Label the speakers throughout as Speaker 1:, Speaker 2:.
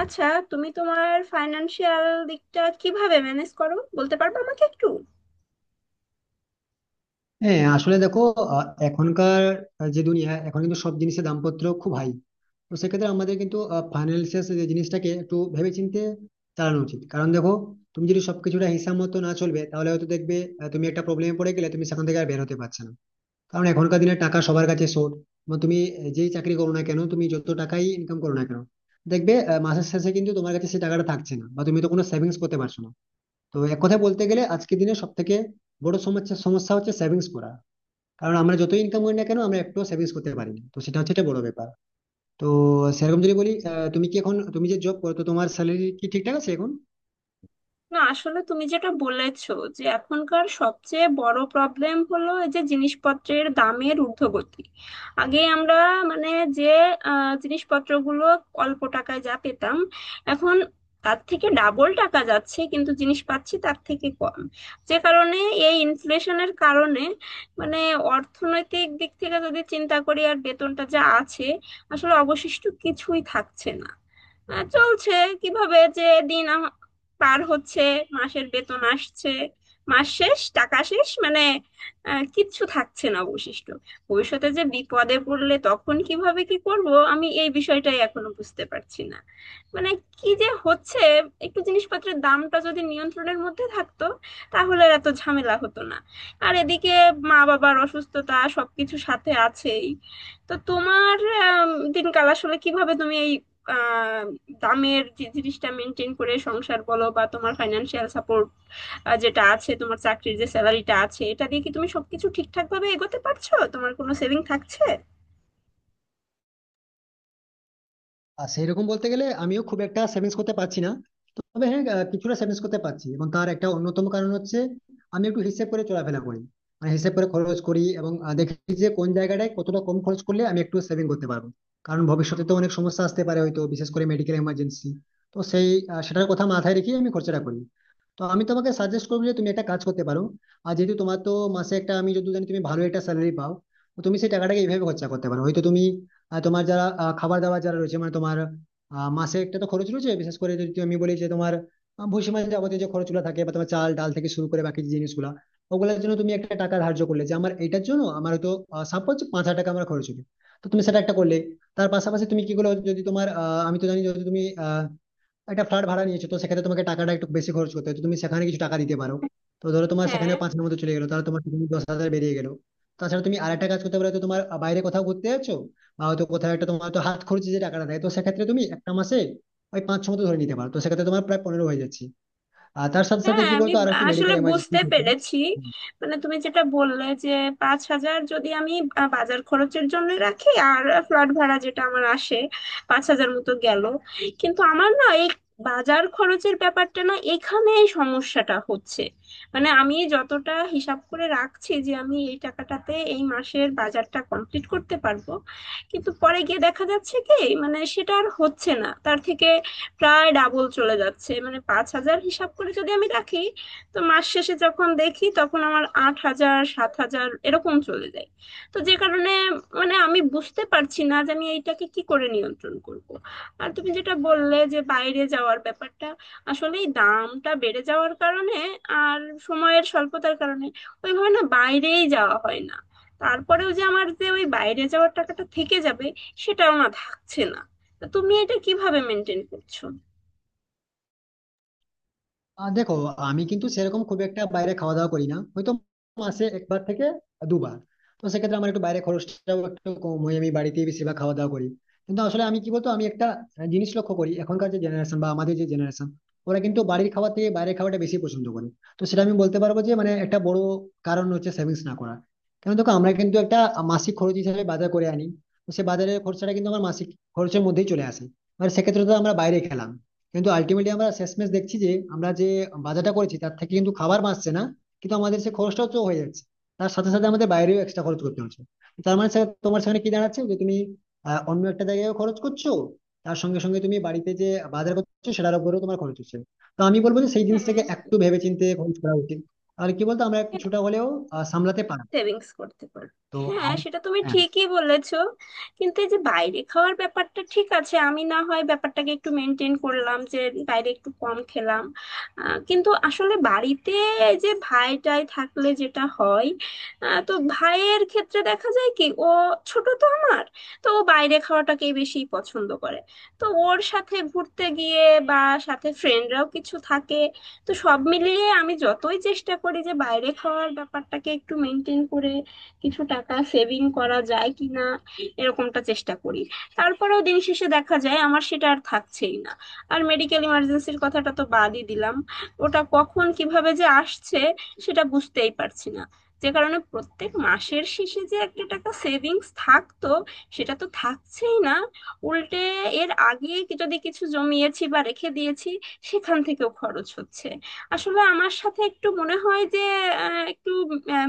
Speaker 1: আচ্ছা, তুমি তোমার ফাইন্যান্সিয়াল দিকটা কিভাবে ম্যানেজ করো বলতে পারবে আমাকে একটু?
Speaker 2: হ্যাঁ, আসলে দেখো, এখনকার যে দুনিয়া এখন কিন্তু সব জিনিসের দামপত্র খুব হাই। তো সেক্ষেত্রে আমাদের কিন্তু ফাইন্যান্সিয়াল যে জিনিসটাকে একটু ভেবেচিন্তে চালানো উচিত। কারণ দেখো, তুমি যদি সবকিছুটা হিসাব মতো না চলবে তাহলে হয়তো দেখবে তুমি একটা প্রবলেমে পড়ে গেলে, তুমি সেখান থেকে আর বের হতে পারছো না। কারণ এখনকার দিনে টাকা সবার কাছে শর্ট। তুমি যেই চাকরি করো না কেন, তুমি যত টাকাই ইনকাম করো না কেন, দেখবে মাসের শেষে কিন্তু তোমার কাছে সেই টাকাটা থাকছে না, বা তুমি তো কোনো সেভিংস করতে পারছো না। তো এক কথায় বলতে গেলে আজকের দিনে সব থেকে বড় সমস্যা সমস্যা হচ্ছে সেভিংস করা। কারণ আমরা যতই ইনকাম করি না কেন, আমরা একটু সেভিংস করতে পারি না, তো সেটা হচ্ছে একটা বড় ব্যাপার। তো সেরকম যদি বলি, তুমি কি এখন তুমি যে জব করো, তো তোমার স্যালারি কি ঠিকঠাক আছে এখন?
Speaker 1: না, আসলে তুমি যেটা বলেছো যে এখনকার সবচেয়ে বড় প্রবলেম হলো এই যে জিনিসপত্রের দামের ঊর্ধ্বগতি। আগে আমরা, মানে, যে জিনিসপত্রগুলো অল্প টাকায় যা পেতাম এখন তার থেকে ডাবল টাকা যাচ্ছে, কিন্তু জিনিস পাচ্ছি তার থেকে কম। যে কারণে এই ইনফ্লেশনের কারণে, মানে, অর্থনৈতিক দিক থেকে যদি চিন্তা করি আর বেতনটা যা আছে, আসলে অবশিষ্ট কিছুই থাকছে না। চলছে কিভাবে, যে দিন পার হচ্ছে, মাসের বেতন আসছে, মাস শেষ টাকা শেষ, মানে, কিচ্ছু থাকছে না অবশিষ্ট। ভবিষ্যতে যে বিপদে পড়লে তখন কিভাবে কি করব, আমি এই বিষয়টাই এখনো বুঝতে পারছি না, মানে, কি যে হচ্ছে। একটু জিনিসপত্রের দামটা যদি নিয়ন্ত্রণের মধ্যে থাকতো তাহলে আর এত ঝামেলা হতো না। আর এদিকে মা বাবার অসুস্থতা সবকিছু সাথে আছেই। তো তোমার দিনকাল আসলে কিভাবে তুমি এই দামের যে জিনিসটা মেনটেন করে সংসার বলো বা তোমার ফাইন্যান্সিয়াল সাপোর্ট যেটা আছে, তোমার চাকরির যে স্যালারিটা আছে এটা দিয়ে কি তুমি সবকিছু ঠিকঠাক ভাবে এগোতে পারছো, তোমার কোনো সেভিং থাকছে?
Speaker 2: আর সেই রকম বলতে গেলে আমিও খুব একটা সেভিংস করতে পারছি না। তবে হ্যাঁ, কিছুটা সেভিংস করতে পারছি এবং তার একটা অন্যতম কারণ হচ্ছে আমি একটু হিসেব করে চলাফেরা করি, মানে হিসেব করে খরচ করি এবং দেখি যে কোন জায়গাটায় কতটা কম খরচ করলে আমি একটু সেভিং করতে পারবো। কারণ ভবিষ্যতে তো অনেক সমস্যা আসতে পারে, হয়তো বিশেষ করে মেডিকেল এমার্জেন্সি। তো সেই সেটার কথা মাথায় রেখে আমি খরচাটা করি। তো আমি তোমাকে সাজেস্ট করবো যে তুমি একটা কাজ করতে পারো। আর যেহেতু তোমার তো মাসে একটা, আমি যদি জানি তুমি ভালো একটা স্যালারি পাও, তো তুমি সেই টাকাটাকে এইভাবে খরচা করতে পারো। হয়তো তুমি তোমার যারা খাবার দাবার যারা রয়েছে, মানে তোমার মাসে একটা তো খরচ রয়েছে, বিশেষ করে যদি আমি বলি যে তোমার ভুসি মাসে যাবতীয় যে খরচগুলো থাকে বা তোমার চাল ডাল থেকে শুরু করে বাকি যে জিনিসগুলা, ওগুলোর জন্য তুমি একটা টাকা ধার্য করলে যে আমার এটার জন্য আমার হয়তো সাপোজ 5000 টাকা আমার খরচ হবে। তো তুমি সেটা একটা করলে, তার পাশাপাশি তুমি কি করলে, যদি তোমার আমি তো জানি যদি তুমি একটা ফ্ল্যাট ভাড়া নিয়েছো, তো সেক্ষেত্রে তোমাকে টাকাটা একটু বেশি খরচ করতে হয়, তো তুমি সেখানে কিছু টাকা দিতে পারো। তো ধরো তোমার সেখানে
Speaker 1: হ্যাঁ,
Speaker 2: 5000 মতো চলে গেলো, তাহলে তোমার সেখানে 10,000 বেরিয়ে গেলো। তাছাড়া তুমি আরেকটা কাজ করতে পারো, তো তোমার বাইরে কোথাও ঘুরতে যাচ্ছো বা হয়তো কোথাও একটা, তোমার তো হাত খরচ যে টাকাটা দেয়, তো সেক্ষেত্রে তুমি একটা মাসে ওই পাঁচ ছ মতো ধরে নিতে পারো, তো সেক্ষেত্রে তোমার প্রায় 15 হয়ে যাচ্ছে। আর তার সাথে সাথে
Speaker 1: হ্যাঁ,
Speaker 2: কি
Speaker 1: আমি
Speaker 2: বলতো, আর একটু
Speaker 1: আসলে
Speaker 2: মেডিকেল এমার্জেন্সি
Speaker 1: বুঝতে
Speaker 2: থাকে।
Speaker 1: পেরেছি। মানে তুমি যেটা বললে যে 5,000 যদি আমি বাজার খরচের জন্য রাখি, আর ফ্ল্যাট ভাড়া যেটা আমার আসে 5,000 মতো গেল, কিন্তু আমার না এই বাজার খরচের ব্যাপারটা, না, এখানেই সমস্যাটা হচ্ছে। মানে আমি যতটা হিসাব করে রাখছি যে আমি এই টাকাটাতে এই মাসের বাজারটা কমপ্লিট করতে পারবো, কিন্তু পরে গিয়ে দেখা যাচ্ছে কি, মানে সেটা আর হচ্ছে না, তার থেকে প্রায় ডাবল চলে যাচ্ছে। মানে 5,000 হিসাব করে যদি আমি রাখি তো মাস শেষে যখন দেখি তখন আমার 8,000 7,000 এরকম চলে যায়। তো যে কারণে, মানে আমি বুঝতে পারছি না যে আমি এইটাকে কি করে নিয়ন্ত্রণ করব। আর তুমি যেটা বললে যে বাইরে যাওয়ার ব্যাপারটা, আসলে এই দামটা বেড়ে যাওয়ার কারণে আর সময়ের স্বল্পতার কারণে ওইভাবে না বাইরেই যাওয়া হয় না। তারপরেও যে আমার যে ওই বাইরে যাওয়ার টাকাটা থেকে যাবে সেটাও না, থাকছে না। তা তুমি এটা কিভাবে মেনটেন করছো?
Speaker 2: আহ, দেখো, আমি কিন্তু সেরকম খুব একটা বাইরে খাওয়া দাওয়া করি না, হয়তো মাসে একবার থেকে দুবার। তো সেক্ষেত্রে আমার একটু বাইরে খরচটাও একটু কম হয়, আমি বাড়িতেই বেশিরভাগ খাওয়া দাওয়া করি। কিন্তু আসলে আমি কি বলতো, আমি একটা জিনিস লক্ষ্য করি, এখনকার যে জেনারেশন বা আমাদের যে জেনারেশন, ওরা কিন্তু বাড়ির খাওয়া থেকে বাইরের খাওয়াটা বেশি পছন্দ করে। তো সেটা আমি বলতে পারবো যে মানে একটা বড় কারণ হচ্ছে সেভিংস না করা। কারণ দেখো, আমরা কিন্তু একটা মাসিক খরচ হিসেবে বাজার করে আনি, তো সে বাজারের খরচাটা কিন্তু আমার মাসিক খরচের মধ্যেই চলে আসে। মানে সেক্ষেত্রে তো আমরা বাইরে খেলাম, কিন্তু আলটিমেটলি আমরা শেষমেশ দেখছি যে আমরা যে বাজারটা করেছি তার থেকে কিন্তু খাবার বাঁচছে না, কিন্তু আমাদের সে খরচটাও তো হয়ে যাচ্ছে। তার সাথে সাথে আমাদের বাইরেও এক্সট্রা খরচ করতে হচ্ছে। তার মানে স্যার তোমার সেখানে কি দাঁড়াচ্ছে যে তুমি অন্য একটা জায়গায় খরচ করছো, তার সঙ্গে সঙ্গে তুমি বাড়িতে যে বাজার করছো সেটার উপরেও তোমার খরচ হচ্ছে। তো আমি বলবো যে সেই
Speaker 1: হ্যাঁ,
Speaker 2: জিনিসটাকে একটু ভেবেচিন্তে খরচ করা উচিত। তাহলে কি বলতো, আমরা কিছুটা হলেও সামলাতে পারবো।
Speaker 1: সেভিংস করতে পারো।
Speaker 2: তো
Speaker 1: হ্যাঁ,
Speaker 2: আর
Speaker 1: সেটা তুমি
Speaker 2: হ্যাঁ,
Speaker 1: ঠিকই বলেছো, কিন্তু এই যে বাইরে খাওয়ার ব্যাপারটা ঠিক আছে, আমি না হয় ব্যাপারটাকে একটু মেনটেন করলাম যে বাইরে একটু কম খেলাম, কিন্তু আসলে বাড়িতে এই যে ভাইটাই থাকলে যেটা হয়, তো ভাইয়ের ক্ষেত্রে দেখা যায় কি ও ছোট তো আমার, তো ও বাইরে খাওয়াটাকেই বেশি পছন্দ করে। তো ওর সাথে ঘুরতে গিয়ে বা সাথে ফ্রেন্ডরাও কিছু থাকে, তো সব মিলিয়ে আমি যতই চেষ্টা করি যে বাইরে খাওয়ার ব্যাপারটাকে একটু মেনটেন করে কিছু টাকা সেভিং করা যায় কিনা, এরকমটা চেষ্টা করি। তারপরেও দিন শেষে দেখা যায় আমার সেটা আর থাকছেই না। আর মেডিকেল ইমার্জেন্সির কথাটা তো বাদই দিলাম, ওটা কখন কিভাবে যে আসছে সেটা বুঝতেই পারছি না। যে কারণে প্রত্যেক মাসের শেষে যে একটা টাকা সেভিংস থাকতো সেটা তো থাকছেই না, উল্টে এর আগে যদি কিছু জমিয়েছি বা রেখে দিয়েছি সেখান থেকেও খরচ হচ্ছে। আসলে আমার সাথে একটু মনে হয় যে একটু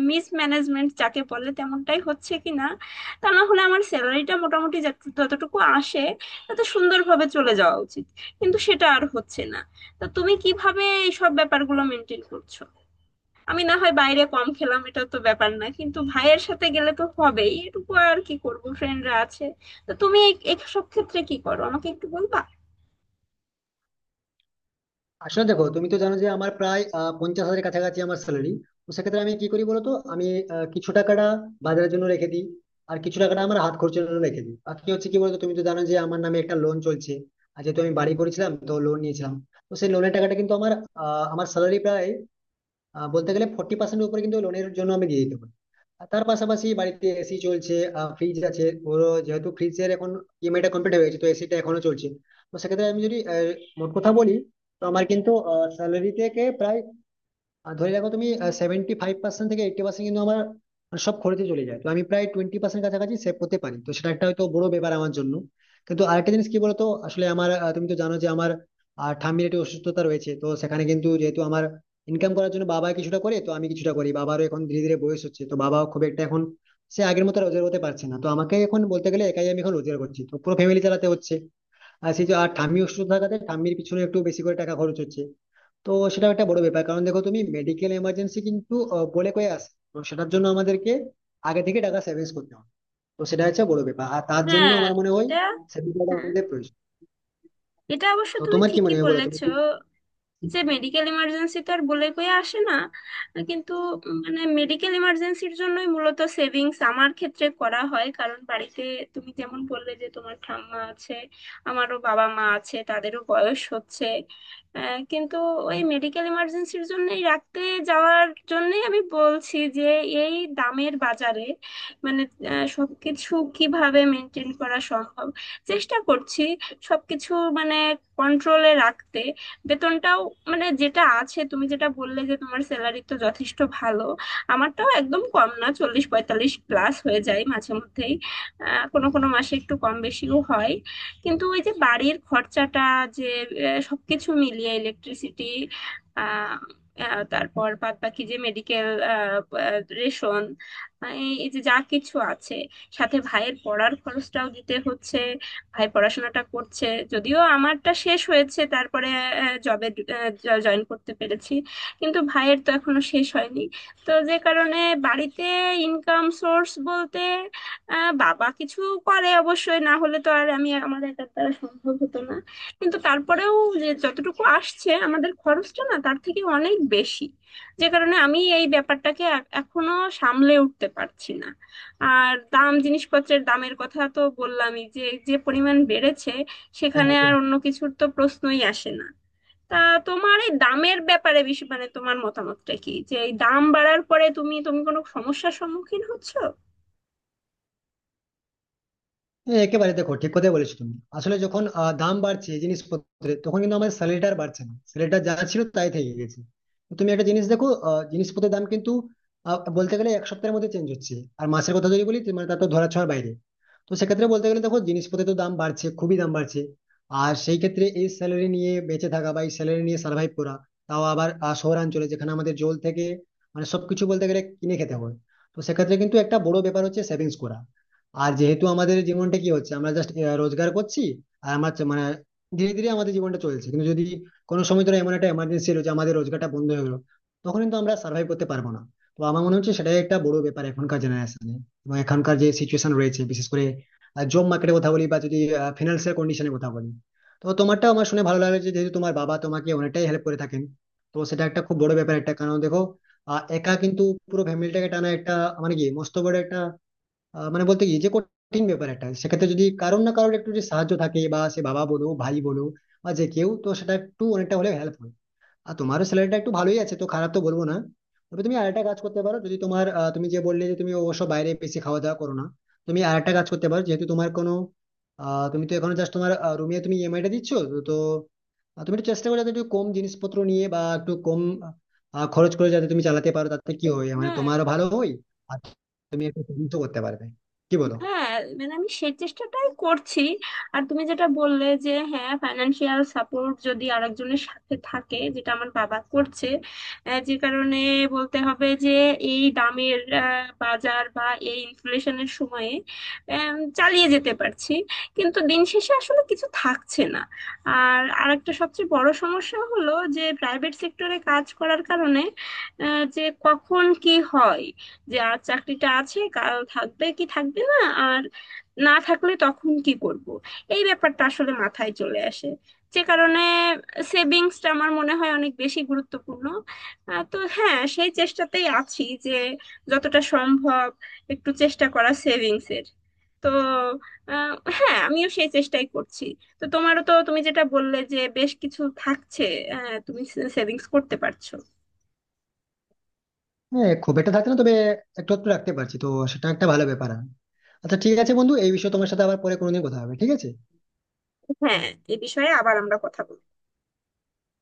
Speaker 1: মিসম্যানেজমেন্ট যাকে বলে তেমনটাই হচ্ছে কিনা, তা না হলে আমার স্যালারিটা মোটামুটি যতটুকু আসে তত সুন্দরভাবে চলে যাওয়া উচিত, কিন্তু সেটা আর হচ্ছে না। তা তুমি কিভাবে এই সব ব্যাপারগুলো মেনটেন করছো? আমি না হয় বাইরে কম খেলাম, এটা তো ব্যাপার না, কিন্তু ভাইয়ের সাথে গেলে তো হবেই, এটুকু আর কি করবো, ফ্রেন্ডরা আছে। তো তুমি এইসব ক্ষেত্রে কি করো আমাকে একটু বলবা?
Speaker 2: আসলে দেখো, তুমি তো জানো যে আমার প্রায় 50,000-এর কাছাকাছি আমার স্যালারি। তো সেক্ষেত্রে আমি কি করি বলতো, আমি কিছু টাকাটা বাজারের জন্য রেখে দিই, আর কিছু টাকাটা আমার হাত খরচের জন্য রেখে দিই। বাকি হচ্ছে কি বলতো, তুমি তো জানো যে আমার নামে একটা লোন চলছে, আর যেহেতু আমি বাড়ি করেছিলাম তো লোন নিয়েছিলাম। তো সেই লোনের টাকাটা কিন্তু আমার আমার স্যালারি প্রায় বলতে গেলে 40% উপরে কিন্তু লোনের জন্য আমি দিয়ে দিতে পারি। আর তার পাশাপাশি বাড়িতে এসি চলছে, ফ্রিজ আছে ওর। যেহেতু ফ্রিজের এখন ইএমআইটা কমপ্লিট হয়ে গেছে তো এসিটা এখনো চলছে। তো সেক্ষেত্রে আমি যদি মোট কথা বলি, তো আমার কিন্তু স্যালারি থেকে প্রায়, আর ধরে রাখো তুমি, 75% থেকে 80% কিন্তু আমার মানে সব খরচে চলে যায়। তো আমি প্রায় 20% কাছাকাছি সেভ করতে পারি, তো সেটা একটা হয়তো বড় ব্যাপার আমার জন্য। কিন্তু আরেকটা জিনিস কি বলতো, আসলে আমার তুমি তো জানো যে আমার ঠাম্মির একটি অসুস্থতা রয়েছে, তো সেখানে কিন্তু যেহেতু আমার ইনকাম করার জন্য বাবা কিছুটা করে তো আমি কিছুটা করি। বাবারও এখন ধীরে ধীরে বয়স হচ্ছে, তো বাবাও খুব একটা এখন সে আগের মতো রোজগার করতে পারছে না। তো আমাকে এখন বলতে গেলে একাই আমি এখন রোজগার করছি, তো পুরো ফ্যামিলি চালাতে হচ্ছে। আর সেই যে আর ঠাম্মি অসুস্থ থাকাতে ঠাম্মির পিছনে একটু বেশি করে টাকা খরচ হচ্ছে। তো সেটা একটা বড় ব্যাপার, কারণ দেখো তুমি মেডিকেল এমার্জেন্সি কিন্তু বলে কয়ে আসে, তো সেটার জন্য আমাদেরকে আগে থেকে টাকা সেভিংস করতে হবে। তো সেটা হচ্ছে বড় ব্যাপার, আর তার জন্য
Speaker 1: হ্যাঁ
Speaker 2: আমার মনে হয়
Speaker 1: এটা
Speaker 2: সেভিংস
Speaker 1: হ্যাঁ,
Speaker 2: আমাদের প্রয়োজন।
Speaker 1: এটা অবশ্য
Speaker 2: তো
Speaker 1: তুমি
Speaker 2: তোমার কি
Speaker 1: ঠিকই
Speaker 2: মনে হয় বলো, তুমি
Speaker 1: বলেছো
Speaker 2: কি?
Speaker 1: যে মেডিকেল ইমার্জেন্সি তো আর বলে কয়ে আসে না, কিন্তু, মানে মেডিকেল ইমার্জেন্সির জন্যই মূলত সেভিংস আমার ক্ষেত্রে করা হয়, কারণ বাড়িতে তুমি যেমন বললে যে তোমার ঠাম্মা আছে, আমারও বাবা মা আছে, তাদেরও বয়স হচ্ছে। কিন্তু ওই মেডিকেল ইমার্জেন্সির জন্যই রাখতে যাওয়ার জন্যই আমি বলছি যে এই দামের বাজারে, মানে, সবকিছু কিভাবে মেনটেন করা সম্ভব, চেষ্টা করছি সবকিছু, মানে, কন্ট্রোলে রাখতে। বেতনটাও, মানে, যেটা আছে, তুমি যেটা বললে যে তোমার স্যালারি তো যথেষ্ট ভালো, আমারটাও একদম কম না, 40 45 প্লাস হয়ে যায় মাঝে মধ্যেই। কোনো কোনো মাসে একটু কম বেশিও হয়। কিন্তু ওই যে বাড়ির খরচাটা, যে সবকিছু মিলিয়ে ইলেকট্রিসিটি, আহ আহ, তারপর বাদ বাকি যে মেডিকেল, রেশন, এই এই যে যা কিছু আছে, সাথে ভাইয়ের পড়ার খরচটাও দিতে হচ্ছে। ভাই পড়াশোনাটা করছে, যদিও আমারটা শেষ হয়েছে, তারপরে জবে জয়েন করতে পেরেছি, কিন্তু ভাইয়ের তো এখনো শেষ হয়নি। তো যে কারণে বাড়িতে ইনকাম সোর্স বলতে বাবা কিছু করে অবশ্যই, না হলে তো আর আমি আমার একার দ্বারা সম্ভব হতো না। কিন্তু তারপরেও যে যতটুকু আসছে আমাদের খরচটা না তার থেকে অনেক বেশি। যে কারণে আমি এই ব্যাপারটাকে এখনো সামলে উঠতে পারছি না। আর দাম, জিনিসপত্রের দামের কথা তো বললামই, যে যে পরিমাণ বেড়েছে সেখানে আর অন্য কিছুর তো প্রশ্নই আসে না। তা তোমার এই দামের ব্যাপারে বেশি, মানে তোমার মতামতটা কি, যে এই দাম বাড়ার পরে তুমি তুমি কোনো সমস্যার সম্মুখীন হচ্ছো?
Speaker 2: হ্যাঁ, একেবারে, দেখো ঠিক কথাই বলেছো তুমি। আসলে যখন দাম বাড়ছে জিনিসপত্রের তখন কিন্তু আমাদের স্যালারিটা আর বাড়ছে না, স্যালারিটা যা ছিল তাই থেকে গেছে। তো তুমি একটা জিনিস দেখো, জিনিসপত্রের দাম কিন্তু বলতে গেলে এক সপ্তাহের মধ্যে চেঞ্জ হচ্ছে। আর মাসের কথা যদি বলি তো মানে তার তো ধরা ছোঁয়ার বাইরে। তো সেক্ষেত্রে বলতে গেলে দেখো, জিনিসপত্রের তো দাম বাড়ছে, খুবই দাম বাড়ছে। আর সেই ক্ষেত্রে এই স্যালারি নিয়ে বেঁচে থাকা বা এই স্যালারি নিয়ে সার্ভাইভ করা, তাও আবার শহরাঞ্চলে যেখানে আমাদের জল থেকে মানে সবকিছু বলতে গেলে কিনে খেতে হয়, তো সেক্ষেত্রে কিন্তু একটা বড় ব্যাপার হচ্ছে সেভিংস করা। আর যেহেতু আমাদের জীবনটা কি হচ্ছে, আমরা জাস্ট রোজগার করছি, আর মানে ধীরে ধীরে আমাদের জীবনটা চলছে। কিন্তু যদি কোনো সময় ধরো এমন একটা এমার্জেন্সি এলো যে আমাদের রোজগারটা বন্ধ হয়ে গেলো, তখন কিন্তু আমরা সার্ভাইভ করতে পারবো না। তো আমার মনে হচ্ছে সেটাই একটা বড় ব্যাপার এখনকার জেনারেশনে, এবং এখনকার যে সিচুয়েশন রয়েছে, বিশেষ করে জব মার্কেটের কথা বলি বা যদি ফিনান্সিয়াল কন্ডিশনের কথা বলি। তো তোমারটা আমার শুনে ভালো লাগলো যে যেহেতু তোমার বাবা তোমাকে অনেকটাই হেল্প করে থাকেন, তো সেটা একটা খুব বড় ব্যাপার একটা। কারণ দেখো, একা কিন্তু পুরো ফ্যামিলিটাকে টানা একটা মানে কি মস্ত বড় একটা মানে বলতে কি যে কঠিন ব্যাপার একটা। সেক্ষেত্রে যদি কারোর না কারোর একটু যদি সাহায্য থাকে, বা সে বাবা বলো, ভাই বলো বা যে কেউ, তো সেটা একটু অনেকটা হলে হেল্প হয়। আর তোমারও স্যালারিটা একটু ভালোই আছে, তো খারাপ তো বলবো না। তবে তুমি আরেকটা কাজ করতে পারো, যদি তোমার তুমি যে বললে যে তুমি অবশ্য বাইরে বেশি খাওয়া দাওয়া করো না, তুমি আরেকটা কাজ করতে পারো। যেহেতু তোমার কোনো তুমি তো এখন জাস্ট তোমার রুমে তুমি ইএমআই টা দিচ্ছ তো তো, তুমি একটু চেষ্টা করো যাতে একটু কম জিনিসপত্র নিয়ে বা একটু কম খরচ করে যাতে তুমি চালাতে পারো। তাতে কি হয়, মানে
Speaker 1: হ্যাঁ,
Speaker 2: তোমারও ভালো হয় আর তুমি একটু সেভিংসও করতে পারবে, কি বলো?
Speaker 1: হ্যাঁ, মানে আমি সেই চেষ্টাটাই করছি। আর তুমি যেটা বললে যে, হ্যাঁ, ফাইনান্সিয়াল সাপোর্ট যদি আরেকজনের সাথে থাকে, যেটা আমার বাবা করছে, যে কারণে বলতে হবে যে এই দামের বাজার বা এই ইনফ্লেশনের সময়ে চালিয়ে যেতে পারছি, কিন্তু দিন শেষে আসলে কিছু থাকছে না। আর আরেকটা সবচেয়ে বড় সমস্যা হলো যে প্রাইভেট সেক্টরে কাজ করার কারণে যে কখন কি হয়, যে আজ চাকরিটা আছে কাল থাকবে কি থাকবে না, আর না থাকলে তখন কি করব, এই ব্যাপারটা আসলে মাথায় চলে আসে। যে কারণে সেভিংসটা আমার মনে হয় অনেক বেশি গুরুত্বপূর্ণ। তো হ্যাঁ, সেই চেষ্টাতেই আছি যে যতটা সম্ভব একটু চেষ্টা করা সেভিংসের। তো হ্যাঁ, আমিও সেই চেষ্টাই করছি। তো তোমারও, তো তুমি যেটা বললে যে বেশ কিছু থাকছে, তুমি সেভিংস করতে পারছো।
Speaker 2: হ্যাঁ, খুব একটা থাকছে না, তবে একটু একটু রাখতে পারছি, তো সেটা একটা ভালো ব্যাপার। আচ্ছা ঠিক আছে বন্ধু, এই বিষয়ে তোমার সাথে আবার পরে কোনোদিন কথা হবে, ঠিক আছে?
Speaker 1: হ্যাঁ, এ বিষয়ে আবার আমরা কথা বলবো।